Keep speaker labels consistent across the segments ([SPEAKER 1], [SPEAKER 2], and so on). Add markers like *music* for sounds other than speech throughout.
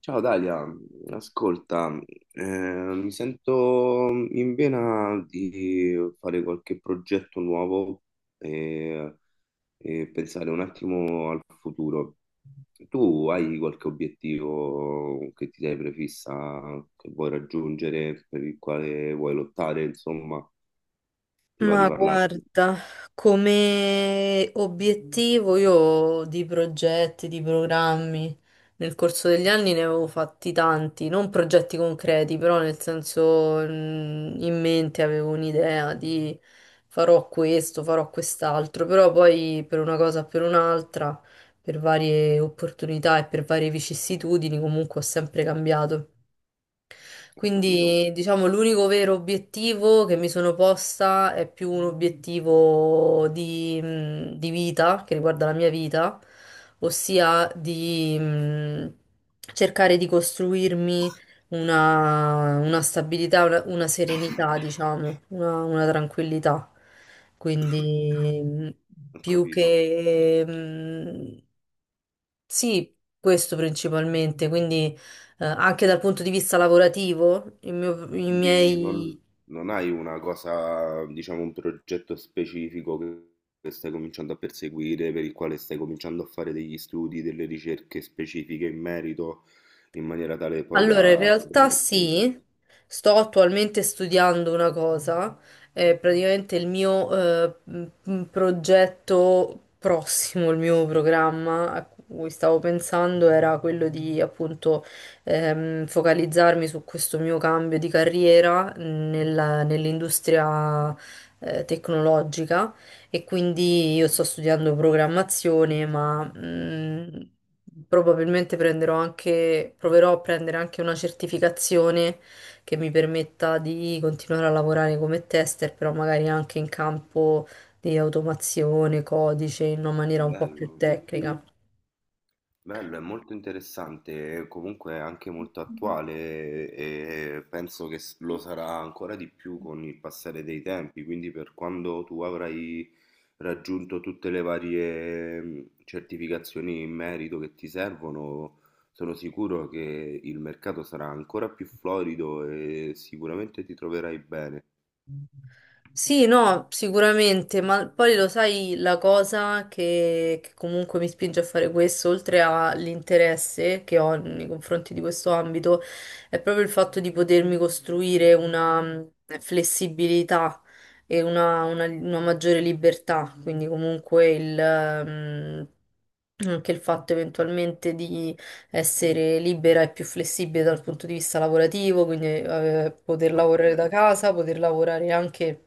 [SPEAKER 1] Ciao Dalia, ascolta, mi sento in vena di fare qualche progetto nuovo e, e pensare un attimo al futuro. Tu hai qualche obiettivo che ti sei prefissa, che vuoi raggiungere, per il quale vuoi lottare, insomma, ti va di
[SPEAKER 2] Ma
[SPEAKER 1] parlarne?
[SPEAKER 2] guarda, come obiettivo io di progetti, di programmi, nel corso degli anni ne avevo fatti tanti, non progetti concreti, però nel senso in mente avevo un'idea di farò questo, farò quest'altro, però poi per una cosa o per un'altra, per varie opportunità e per varie vicissitudini comunque ho sempre cambiato.
[SPEAKER 1] Ho capito,
[SPEAKER 2] Quindi, diciamo, l'unico vero obiettivo che mi sono posta è più un obiettivo di vita, che riguarda la mia vita, ossia di cercare di costruirmi una stabilità, una serenità, diciamo, una tranquillità. Quindi,
[SPEAKER 1] ho
[SPEAKER 2] più
[SPEAKER 1] capito.
[SPEAKER 2] che... mh, sì, questo principalmente. Quindi, anche dal punto di vista lavorativo, i
[SPEAKER 1] Quindi non,
[SPEAKER 2] miei...
[SPEAKER 1] non hai una cosa, diciamo, un progetto specifico che stai cominciando a perseguire, per il quale stai cominciando a fare degli studi, delle ricerche specifiche in merito, in maniera tale poi
[SPEAKER 2] Allora, in
[SPEAKER 1] da...
[SPEAKER 2] realtà
[SPEAKER 1] Ok.
[SPEAKER 2] sì, sto attualmente studiando una cosa, è praticamente il mio progetto prossimo, il mio programma a cui stavo pensando era quello di appunto focalizzarmi su questo mio cambio di carriera nell'industria tecnologica. E quindi io sto studiando programmazione, ma probabilmente prenderò anche, proverò a prendere anche una certificazione che mi permetta di continuare a lavorare come tester, però magari anche in campo di automazione, codice, in una maniera un po' più
[SPEAKER 1] Bello.
[SPEAKER 2] tecnica.
[SPEAKER 1] Bello, è molto interessante, e comunque è anche molto attuale e penso che lo sarà ancora di più con il passare dei tempi, quindi per quando tu avrai raggiunto tutte le varie certificazioni in merito che ti servono, sono sicuro che il mercato sarà ancora più florido e sicuramente ti troverai bene.
[SPEAKER 2] Sì, no, sicuramente, ma poi lo sai, la cosa che comunque mi spinge a fare questo, oltre all'interesse che ho nei confronti di questo ambito, è proprio il fatto di potermi costruire una flessibilità e una maggiore libertà, quindi comunque anche il fatto eventualmente di essere libera e più flessibile dal punto di vista lavorativo, quindi poter
[SPEAKER 1] Ok,
[SPEAKER 2] lavorare da casa, poter lavorare anche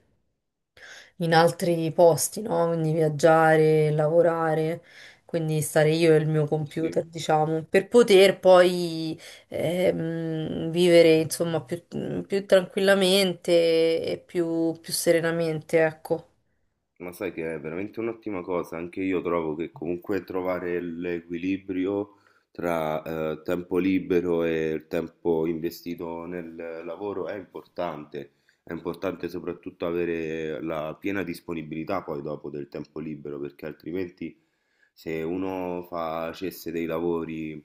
[SPEAKER 2] in altri posti, no? Quindi viaggiare, lavorare, quindi stare io e il mio
[SPEAKER 1] sì, sì.
[SPEAKER 2] computer, diciamo, per poter poi vivere, insomma, più tranquillamente e più serenamente, ecco.
[SPEAKER 1] Ma sai che è veramente un'ottima cosa, anche io trovo che comunque trovare l'equilibrio tra tempo libero e il tempo investito nel lavoro è importante soprattutto avere la piena disponibilità poi dopo del tempo libero, perché altrimenti se uno facesse dei lavori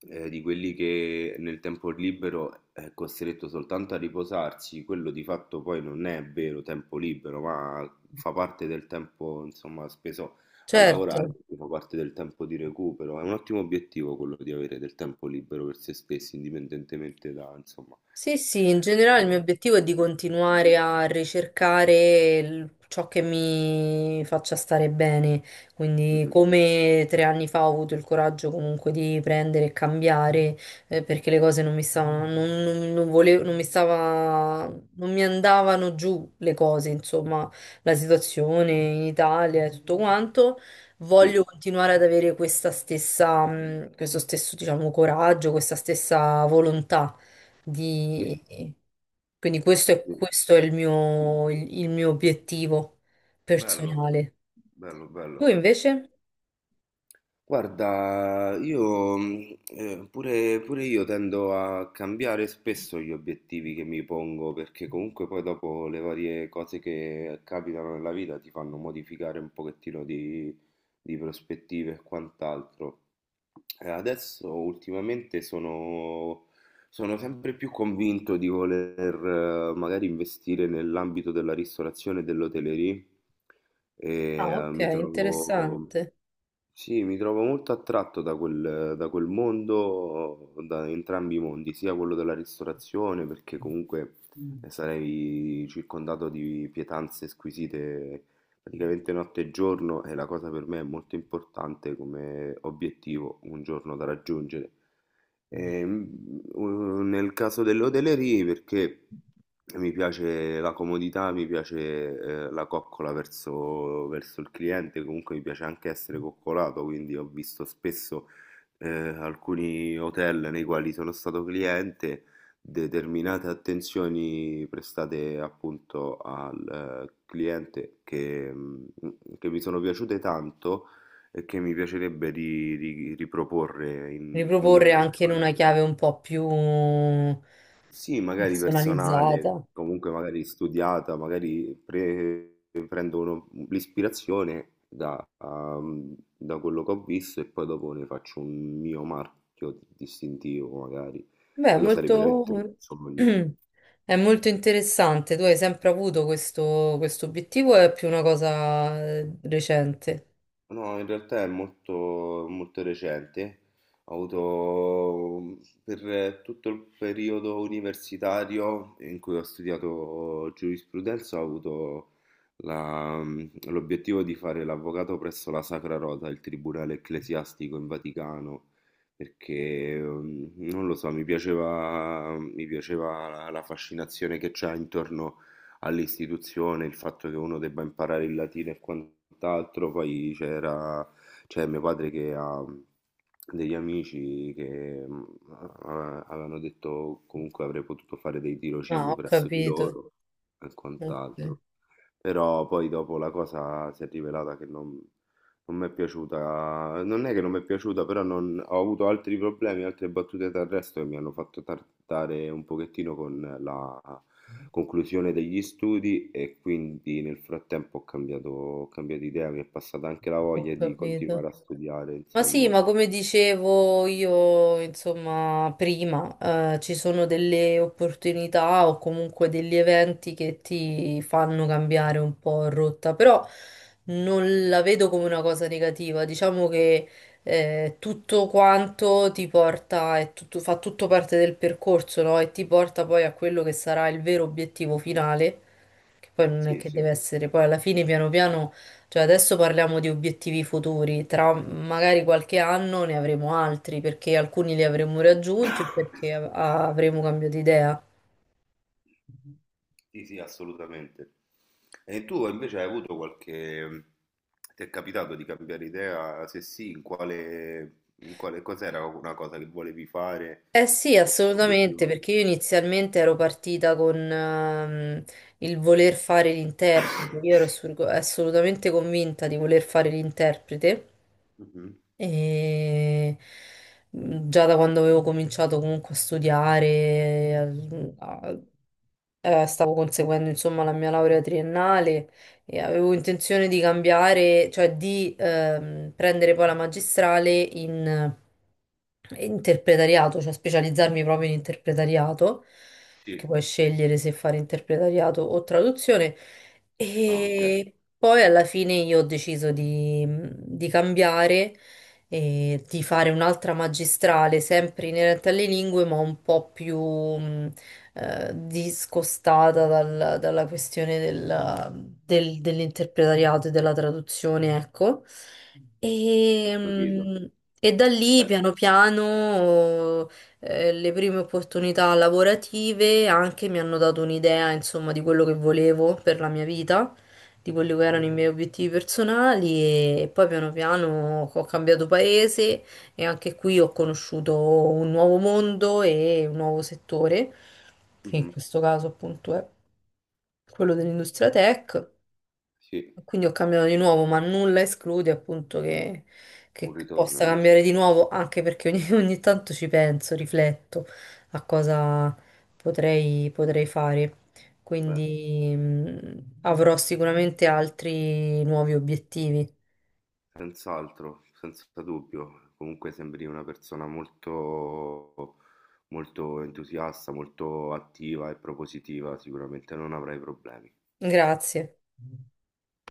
[SPEAKER 1] di quelli che nel tempo libero è costretto soltanto a riposarsi, quello di fatto poi non è vero tempo libero, ma fa parte del tempo, insomma, speso a lavorare,
[SPEAKER 2] Certo.
[SPEAKER 1] fa parte del tempo di recupero. È un ottimo obiettivo quello di avere del tempo libero per se stessi, indipendentemente da, insomma,
[SPEAKER 2] Sì, sì, in generale il mio
[SPEAKER 1] quello.
[SPEAKER 2] obiettivo è di continuare a ricercare ciò che mi faccia stare bene,
[SPEAKER 1] Mm,
[SPEAKER 2] quindi
[SPEAKER 1] mm.
[SPEAKER 2] come 3 anni fa ho avuto il coraggio comunque di prendere e cambiare, perché le cose non mi stavano, non volevo, non mi stava, non mi andavano giù le cose, insomma, la situazione in Italia e tutto quanto. Voglio
[SPEAKER 1] Sì,
[SPEAKER 2] continuare ad avere questo stesso, diciamo, coraggio, questa stessa volontà di-
[SPEAKER 1] sì,
[SPEAKER 2] Quindi questo
[SPEAKER 1] sì,
[SPEAKER 2] è,
[SPEAKER 1] sì.
[SPEAKER 2] questo è il mio obiettivo
[SPEAKER 1] Bello,
[SPEAKER 2] personale.
[SPEAKER 1] bello, bello.
[SPEAKER 2] Tu invece?
[SPEAKER 1] Guarda, io pure, pure io tendo a cambiare spesso gli obiettivi che mi pongo, perché comunque poi dopo le varie cose che capitano nella vita ti fanno modificare un pochettino di prospettive e quant'altro. Adesso ultimamente sono sempre più convinto di voler magari investire nell'ambito della ristorazione e dell'hotellerie.
[SPEAKER 2] Ah,
[SPEAKER 1] e eh,
[SPEAKER 2] ok,
[SPEAKER 1] mi trovo...
[SPEAKER 2] interessante.
[SPEAKER 1] Sì, mi trovo molto attratto da quel mondo, da entrambi i mondi, sia quello della ristorazione, perché comunque sarei circondato di pietanze squisite praticamente notte e giorno, e la cosa per me è molto importante come obiettivo un giorno da raggiungere. Ehm, Nel caso dell'hotellerie, perché mi piace la comodità, mi piace la coccola verso il cliente, comunque mi piace anche essere coccolato, quindi ho visto spesso alcuni hotel nei quali sono stato cliente, determinate attenzioni prestate appunto al cliente che mi sono piaciute tanto e che mi piacerebbe ri ri riproporre in
[SPEAKER 2] Riproporre anche in
[SPEAKER 1] un'eventuale
[SPEAKER 2] una chiave un po' più
[SPEAKER 1] sì, magari personale,
[SPEAKER 2] personalizzata.
[SPEAKER 1] comunque magari studiata, magari prendo uno l'ispirazione da quello che ho visto e poi dopo ne faccio un mio marchio distintivo magari.
[SPEAKER 2] Beh, è
[SPEAKER 1] Quello sarebbe
[SPEAKER 2] molto...
[SPEAKER 1] veramente un
[SPEAKER 2] *clears throat*
[SPEAKER 1] sogno.
[SPEAKER 2] è molto interessante. Tu hai sempre avuto questo obiettivo, o è più una cosa recente?
[SPEAKER 1] No, in realtà è molto, molto recente. Ho avuto, per tutto il periodo universitario in cui ho studiato giurisprudenza, ho avuto la- l'obiettivo di fare l'avvocato presso la Sacra Rota, il Tribunale Ecclesiastico in Vaticano, perché non lo so, mi piaceva la fascinazione che c'è intorno all'istituzione, il fatto che uno debba imparare il latino e quant'altro. Poi c'era, c'è mio padre che ha degli amici che avevano detto comunque avrei potuto fare dei
[SPEAKER 2] Ah,
[SPEAKER 1] tirocini
[SPEAKER 2] ho
[SPEAKER 1] presso di
[SPEAKER 2] capito.
[SPEAKER 1] loro e
[SPEAKER 2] Ok.
[SPEAKER 1] quant'altro. Però poi dopo la cosa si è rivelata che non mi è piaciuta, non è che non mi è piaciuta, però ho avuto altri problemi, altre battute d'arresto che mi hanno fatto tardare un pochettino con la conclusione degli studi, e quindi nel frattempo ho cambiato idea, mi è passata anche la
[SPEAKER 2] Ho
[SPEAKER 1] voglia di
[SPEAKER 2] capito.
[SPEAKER 1] continuare a studiare,
[SPEAKER 2] Ma sì,
[SPEAKER 1] insomma.
[SPEAKER 2] ma come dicevo io, insomma, prima, ci sono delle opportunità o comunque degli eventi che ti fanno cambiare un po' rotta, però non la vedo come una cosa negativa. Diciamo che tutto quanto ti porta, fa tutto parte del percorso, no? E ti porta poi a quello che sarà il vero obiettivo finale, che poi non è
[SPEAKER 1] Sì,
[SPEAKER 2] che
[SPEAKER 1] sì,
[SPEAKER 2] deve essere, poi alla fine piano piano. Cioè, adesso parliamo di obiettivi futuri, tra magari qualche anno ne avremo altri, perché alcuni li avremo raggiunti o perché avremo cambiato idea.
[SPEAKER 1] sì, sì, assolutamente. E tu invece hai avuto, ti è capitato di cambiare idea? Se sì, in quale cos'era una cosa che volevi fare
[SPEAKER 2] Eh sì,
[SPEAKER 1] come
[SPEAKER 2] assolutamente,
[SPEAKER 1] obiettivo?
[SPEAKER 2] perché io inizialmente ero partita con il voler fare l'interprete, io ero assolutamente convinta di voler fare l'interprete.
[SPEAKER 1] Mhm.
[SPEAKER 2] E già da quando avevo cominciato comunque a studiare, stavo conseguendo insomma la mia laurea triennale e avevo intenzione di cambiare, cioè di prendere poi la magistrale in interpretariato, cioè specializzarmi proprio in interpretariato, perché
[SPEAKER 1] Sì.
[SPEAKER 2] puoi scegliere se fare interpretariato o traduzione.
[SPEAKER 1] Ah, ok,
[SPEAKER 2] E poi alla fine io ho deciso di cambiare e di fare un'altra magistrale sempre inerente alle lingue, ma un po' più discostata dalla questione dell'interpretariato e della traduzione, ecco.
[SPEAKER 1] ho
[SPEAKER 2] E,
[SPEAKER 1] capito.
[SPEAKER 2] mh, e da lì
[SPEAKER 1] Eh,
[SPEAKER 2] piano piano le prime opportunità lavorative anche mi hanno dato un'idea, insomma, di quello che volevo per la mia vita, di quelli che erano
[SPEAKER 1] sì.
[SPEAKER 2] i miei obiettivi personali. E poi piano piano ho cambiato paese e anche qui ho conosciuto un nuovo mondo e un nuovo settore, che in
[SPEAKER 1] Mhm.
[SPEAKER 2] questo caso appunto è quello dell'industria tech.
[SPEAKER 1] Sì,
[SPEAKER 2] Quindi ho cambiato di nuovo, ma nulla esclude appunto
[SPEAKER 1] un
[SPEAKER 2] che
[SPEAKER 1] ritorno,
[SPEAKER 2] possa
[SPEAKER 1] dici?
[SPEAKER 2] cambiare di nuovo, anche perché ogni, *laughs* ogni tanto ci penso, rifletto a cosa potrei fare.
[SPEAKER 1] Beh.
[SPEAKER 2] Quindi avrò sicuramente altri nuovi obiettivi.
[SPEAKER 1] Senz'altro, senza dubbio. Comunque sembri una persona molto, molto entusiasta, molto attiva e propositiva, sicuramente non avrai problemi.
[SPEAKER 2] Grazie.